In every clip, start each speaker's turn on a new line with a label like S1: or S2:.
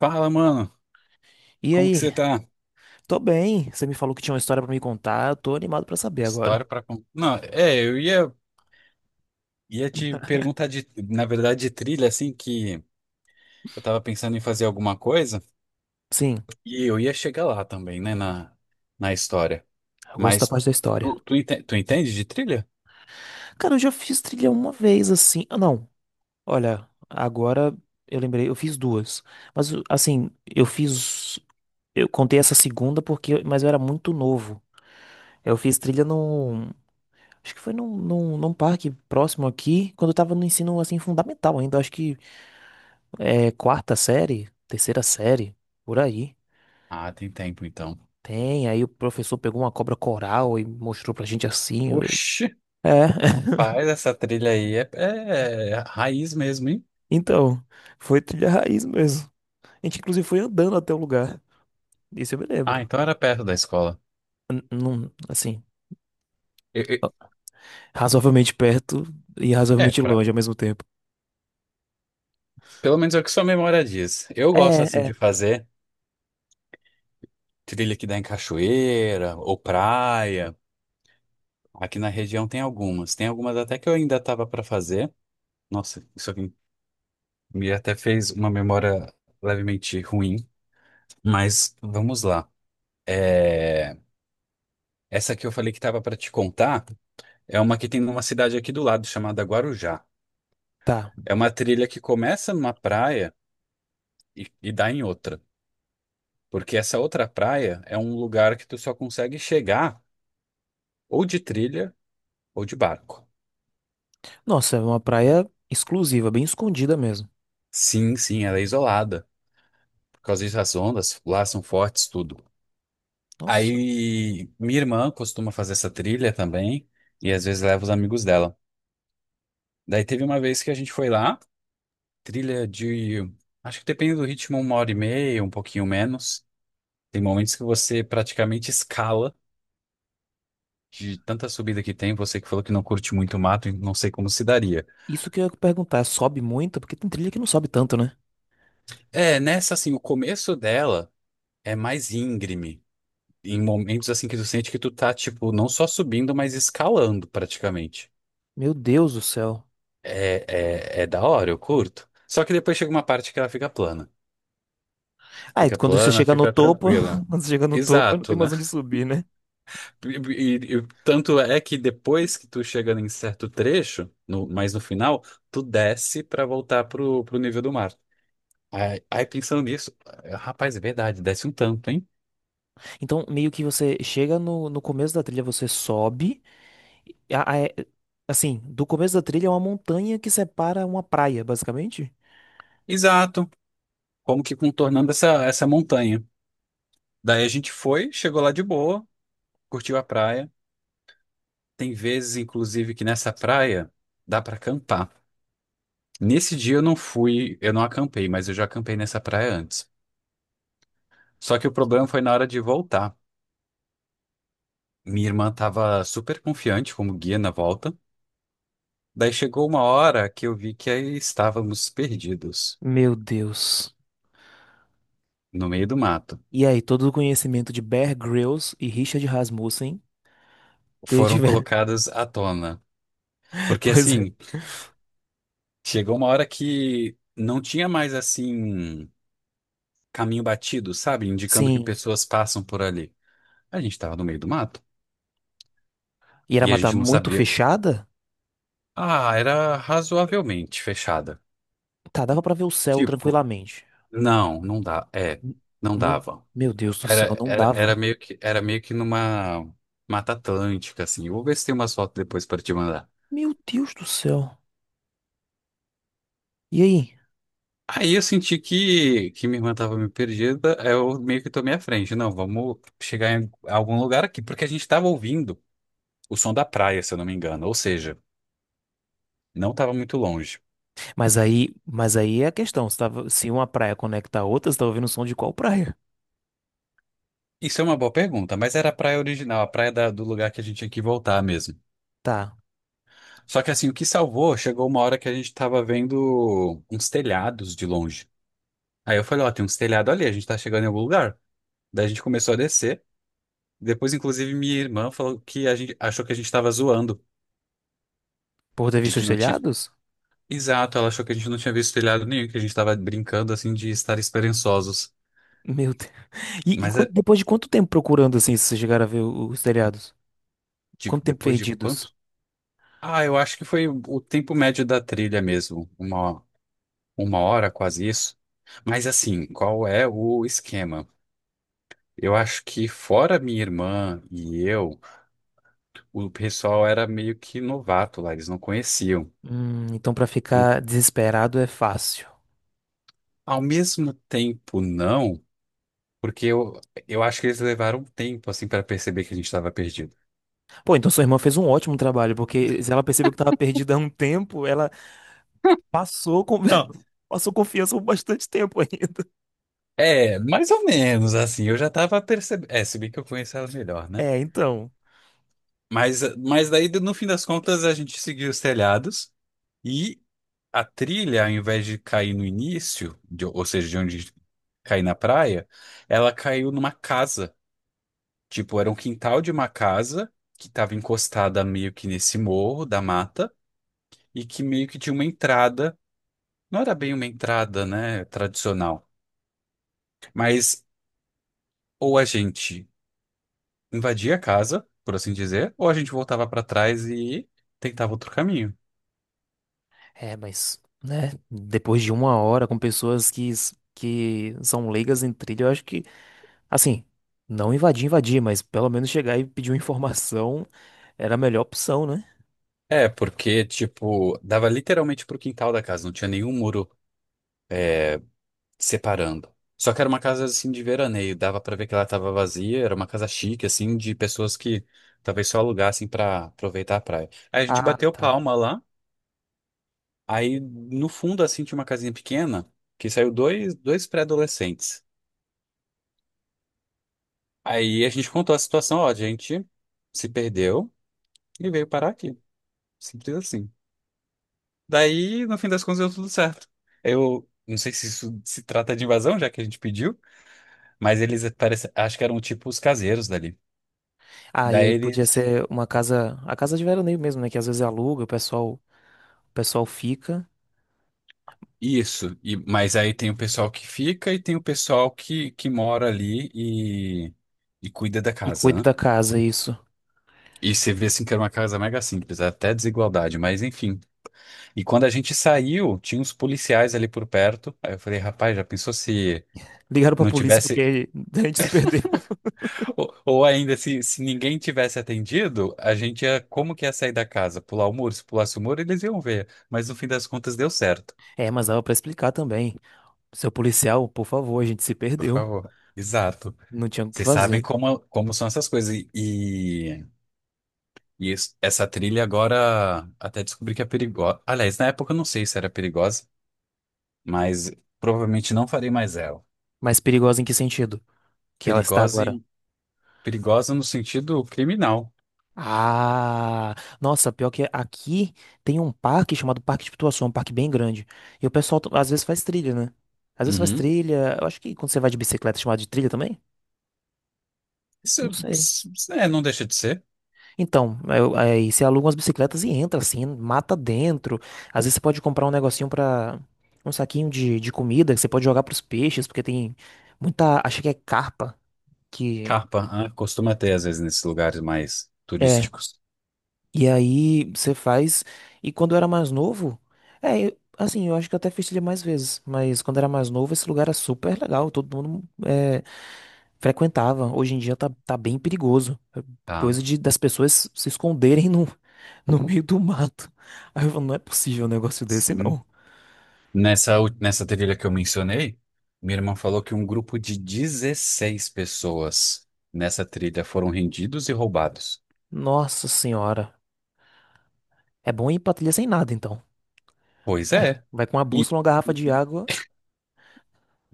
S1: Fala, mano.
S2: E
S1: Como que
S2: aí?
S1: você tá?
S2: Tô bem. Você me falou que tinha uma história pra me contar. Eu tô animado pra saber agora.
S1: História pra contar. Não, é, eu ia te perguntar de, na verdade, de trilha, assim, que eu tava pensando em fazer alguma coisa
S2: Sim,
S1: e eu ia chegar lá também, né, na história.
S2: eu gosto da
S1: Mas
S2: parte da história.
S1: tu entende de trilha?
S2: Cara, eu já fiz trilha uma vez assim. Ah, não. Olha, agora eu lembrei, eu fiz duas. Mas assim, eu fiz eu contei essa segunda porque mas eu era muito novo. Eu fiz trilha num Acho que foi num, num parque próximo aqui, quando eu tava no ensino assim fundamental ainda, acho que é quarta série, terceira série, por aí.
S1: Ah, tem tempo então.
S2: Tem, aí o professor pegou uma cobra coral e mostrou pra gente assim.
S1: Oxi,
S2: É.
S1: faz essa trilha aí. É raiz mesmo, hein?
S2: Então, foi trilha raiz mesmo. A gente inclusive foi andando até o lugar. Isso eu me
S1: Ah,
S2: lembro.
S1: então era perto da escola.
S2: Não, assim,
S1: Eu- eu-
S2: ó, razoavelmente perto e
S1: É,
S2: razoavelmente
S1: pra,
S2: longe ao mesmo tempo.
S1: pelo menos é o que sua memória diz. Eu gosto
S2: É,
S1: assim
S2: é.
S1: de fazer. Trilha que dá em cachoeira ou praia. Aqui na região tem algumas. Tem algumas até que eu ainda estava para fazer. Nossa, isso aqui me até fez uma memória levemente ruim. Mas vamos lá. É, essa que eu falei que estava para te contar é uma que tem numa cidade aqui do lado chamada Guarujá.
S2: Tá.
S1: É uma trilha que começa numa praia e dá em outra. Porque essa outra praia é um lugar que tu só consegue chegar ou de trilha ou de barco.
S2: Nossa, é uma praia exclusiva, bem escondida mesmo.
S1: Sim, sim, ela é isolada. Por causa disso, as ondas lá são fortes, tudo.
S2: Nossa,
S1: Aí minha irmã costuma fazer essa trilha também, e às vezes leva os amigos dela. Daí teve uma vez que a gente foi lá, trilha de, acho que depende do ritmo, uma hora e meia, um pouquinho menos. Tem momentos que você praticamente escala de tanta subida que tem. Você que falou que não curte muito mato, não sei como se daria.
S2: isso que eu ia perguntar, sobe muito? Porque tem trilha que não sobe tanto, né?
S1: É, nessa assim, o começo dela é mais íngreme. Em momentos assim que tu sente que tu tá, tipo, não só subindo, mas escalando praticamente.
S2: Meu Deus do céu.
S1: É, é da hora, eu curto. Só que depois chega uma parte que ela fica plana.
S2: Ah, e
S1: Fica
S2: quando você
S1: plana,
S2: chega no
S1: fica
S2: topo,
S1: tranquila.
S2: quando você chega no topo, não tem
S1: Exato, né?
S2: mais onde subir, né?
S1: E tanto é que depois que tu chega em certo trecho, mas no final, tu desce pra voltar pro nível do mar. Aí pensando nisso, é, rapaz, é verdade, desce um tanto, hein?
S2: Então, meio que você chega no, no começo da trilha, você sobe. e a- a- é- assim, do começo da trilha é uma montanha que separa uma praia, basicamente.
S1: Exato. Como que contornando essa montanha. Daí a gente foi, chegou lá de boa, curtiu a praia. Tem vezes, inclusive, que nessa praia dá pra acampar. Nesse dia eu não fui, eu não acampei, mas eu já acampei nessa praia antes. Só que o problema foi na hora de voltar. Minha irmã estava super confiante como guia na volta. Daí chegou uma hora que eu vi que aí estávamos perdidos
S2: Meu Deus.
S1: no meio do mato.
S2: E aí, todo o conhecimento de Bear Grylls e Richard Rasmussen ter
S1: Foram
S2: tiver...
S1: colocadas à tona. Porque
S2: Pois é.
S1: assim, chegou uma hora que não tinha mais assim caminho batido, sabe? Indicando que
S2: Sim.
S1: pessoas passam por ali. A gente estava no meio do mato
S2: E era
S1: e a
S2: mata
S1: gente não
S2: muito
S1: sabia.
S2: fechada?
S1: Ah, era razoavelmente fechada.
S2: Tá, dava pra ver o céu
S1: Tipo,
S2: tranquilamente.
S1: não, não dá. É,
S2: N-
S1: não
S2: Não,
S1: dava.
S2: meu Deus do céu,
S1: Era,
S2: não
S1: era, era
S2: dava.
S1: meio que, era meio que numa Mata Atlântica, assim. Eu vou ver se tem umas fotos depois para te mandar.
S2: Meu Deus do céu. E aí?
S1: Aí eu senti que minha irmã tava meio perdida, aí eu meio que tomei a frente. Não, vamos chegar em algum lugar aqui, porque a gente tava ouvindo o som da praia, se eu não me engano. Ou seja, não tava muito longe.
S2: Mas aí, mas aí é a questão, você tava, se uma praia conecta a outra, você tá ouvindo o som de qual praia?
S1: Isso é uma boa pergunta, mas era a praia original, a praia do lugar que a gente tinha que voltar mesmo.
S2: Tá.
S1: Só que assim, o que salvou, chegou uma hora que a gente tava vendo uns telhados de longe. Aí eu falei, ó, tem uns telhados ali, a gente tá chegando em algum lugar. Daí a gente começou a descer. Depois, inclusive, minha irmã falou que a gente achou que a gente tava zoando,
S2: Por ter
S1: de
S2: visto
S1: que
S2: os
S1: não tinha.
S2: telhados?
S1: Exato, ela achou que a gente não tinha visto telhado nenhum, que a gente tava brincando assim de estar esperançosos.
S2: Meu Deus. E,
S1: Mas é,
S2: depois de quanto tempo procurando assim, vocês chegaram a ver o- os telhados? Quanto tempo
S1: depois de
S2: perdidos?
S1: quanto? Ah, eu acho que foi o tempo médio da trilha mesmo, uma hora, quase isso. Mas assim, qual é o esquema? Eu acho que fora minha irmã e eu, o pessoal era meio que novato lá, eles não conheciam.
S2: Então pra ficar desesperado é fácil.
S1: Ao mesmo tempo, não, porque eu acho que eles levaram um tempo, assim, para perceber que a gente estava perdido.
S2: Pô, então sua irmã fez um ótimo trabalho, porque se ela percebeu que tava perdida há um tempo, ela passou com... passou confiança por bastante tempo ainda.
S1: É, mais ou menos, assim, eu já tava percebendo. É, se bem que eu conheço ela melhor, né?
S2: É, então.
S1: Mas daí, no fim das contas, a gente seguiu os telhados e a trilha, ao invés de cair no início, ou seja, de onde cair na praia, ela caiu numa casa. Tipo, era um quintal de uma casa que estava encostada meio que nesse morro da mata e que meio que tinha uma entrada. Não era bem uma entrada, né, tradicional, mas ou a gente invadia a casa, por assim dizer, ou a gente voltava pra trás e tentava outro caminho.
S2: É, mas, né, depois de uma hora com pessoas que, que são leigas em trilha, eu acho que, assim, não invadir, invadir, mas pelo menos chegar e pedir uma informação, era a melhor opção, né?
S1: É, porque, tipo, dava literalmente pro quintal da casa, não tinha nenhum muro separando. Só que era uma casa, assim, de veraneio, dava pra ver que ela tava vazia, era uma casa chique, assim, de pessoas que talvez só alugassem pra aproveitar a praia. Aí a gente
S2: Ah,
S1: bateu
S2: tá.
S1: palma lá, aí no fundo, assim, tinha uma casinha pequena, que saiu dois pré-adolescentes. Aí a gente contou a situação, ó, a gente se perdeu e veio parar aqui. Simples assim. Daí, no fim das contas, deu tudo certo. Eu não sei se isso se trata de invasão, já que a gente pediu, mas eles parece, acho que eram tipo os caseiros dali.
S2: Ah, e aí
S1: Daí
S2: podia
S1: eles.
S2: ser uma casa, a casa de veraneio mesmo, né? Que às vezes aluga, o pessoal fica
S1: Isso. E, mas aí tem o pessoal que fica e tem o pessoal que mora ali e cuida da
S2: e
S1: casa,
S2: cuida
S1: né?
S2: da casa, isso.
S1: E você vê assim que era uma casa mega simples, até desigualdade, mas enfim. E quando a gente saiu, tinha uns policiais ali por perto. Aí eu falei, rapaz, já pensou se
S2: Ligaram pra
S1: não
S2: polícia
S1: tivesse.
S2: porque a gente se perdeu.
S1: Ou ainda, se ninguém tivesse atendido, a gente ia. Como que ia sair da casa? Pular o muro? Se pulasse o muro, eles iam ver. Mas no fim das contas deu certo.
S2: É, mas dava pra explicar também. Seu policial, por favor, a gente se
S1: Por
S2: perdeu.
S1: favor. Exato.
S2: Não tinha o que
S1: Vocês sabem
S2: fazer.
S1: como são essas coisas. Essa trilha agora até descobri que é perigosa. Aliás, na época eu não sei se era perigosa, mas provavelmente não farei mais ela.
S2: Mas perigosa em que sentido? Que ela está
S1: Perigosa,
S2: agora.
S1: perigosa no sentido criminal.
S2: Ah, nossa, pior que aqui tem um parque chamado Parque de Pituaçu, um parque bem grande. E o pessoal às vezes faz trilha, né? Às vezes faz
S1: Uhum.
S2: trilha. Eu acho que quando você vai de bicicleta é chamado de trilha também?
S1: Isso,
S2: Não sei.
S1: é, não deixa de ser.
S2: Então, aí você aluga umas bicicletas e entra assim, mata dentro. Às vezes você pode comprar um negocinho pra um saquinho de comida que você pode jogar pros peixes, porque tem muita. Acho que é carpa que.
S1: Carpa, ah, costuma ter às vezes nesses lugares mais
S2: É.
S1: turísticos.
S2: E aí você faz. E quando eu era mais novo, é, assim, eu acho que eu até fiz trilha mais vezes, mas quando eu era mais novo, esse lugar era super legal, todo mundo é, frequentava. Hoje em dia tá, tá bem perigoso. É,
S1: Tá.
S2: coisa de, das pessoas se esconderem no, no meio do mato. Aí eu falo, não é possível um negócio desse,
S1: Sim.
S2: não.
S1: Nessa trilha que eu mencionei, minha irmã falou que um grupo de 16 pessoas nessa trilha foram rendidos e roubados.
S2: Nossa senhora. É bom ir pra trilha sem nada, então.
S1: Pois
S2: É,
S1: é.
S2: vai com uma
S1: E
S2: bússola, uma garrafa de água.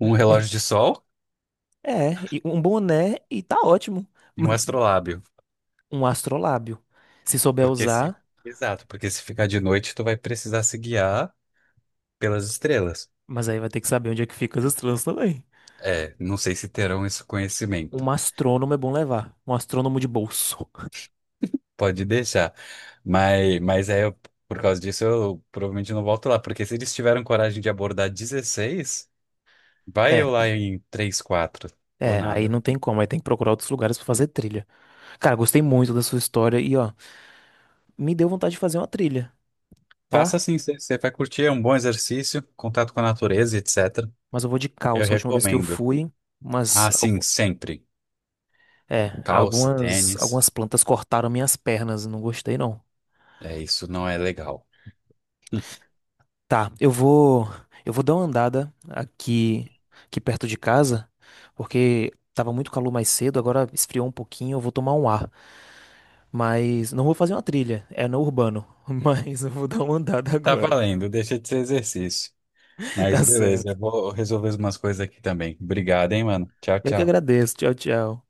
S1: um
S2: e-
S1: relógio de sol
S2: É, e um boné e tá ótimo.
S1: e um astrolábio.
S2: Um astrolábio. Se souber
S1: Porque se...
S2: usar.
S1: Exato, porque se ficar de noite, tu vai precisar se guiar pelas estrelas.
S2: Mas aí vai ter que saber onde é que ficam as estrelas também.
S1: É, não sei se terão esse conhecimento.
S2: Um astrônomo é bom levar. Um astrônomo de bolso.
S1: Pode deixar. Mas por causa disso, eu provavelmente não volto lá, porque se eles tiveram coragem de abordar 16, vai
S2: É,
S1: eu lá em 3 4 ou
S2: é, aí
S1: nada.
S2: não tem como. Aí tem que procurar outros lugares pra fazer trilha. Cara, gostei muito da sua história e, ó, me deu vontade de fazer uma trilha,
S1: Faça
S2: tá?
S1: assim, você vai curtir, é um bom exercício, contato com a natureza, etc.
S2: Mas eu vou de
S1: Eu
S2: calça. A última vez que eu
S1: recomendo.
S2: fui, mas,
S1: Ah, sim, sempre.
S2: é,
S1: Calça,
S2: algumas, algumas
S1: tênis.
S2: plantas cortaram minhas pernas. Não gostei, não.
S1: É, isso não é legal.
S2: Tá, eu vou dar uma andada aqui, aqui perto de casa, porque tava muito calor mais cedo, agora esfriou um pouquinho, eu vou tomar um ar. Mas não vou fazer uma trilha, é no urbano. Mas eu vou dar uma andada
S1: Tá
S2: agora.
S1: valendo, deixa de ser exercício. Mas
S2: Tá
S1: beleza,
S2: certo.
S1: eu vou resolver umas coisas aqui também. Obrigado, hein, mano. Tchau,
S2: Eu que
S1: tchau.
S2: agradeço. Tchau, tchau.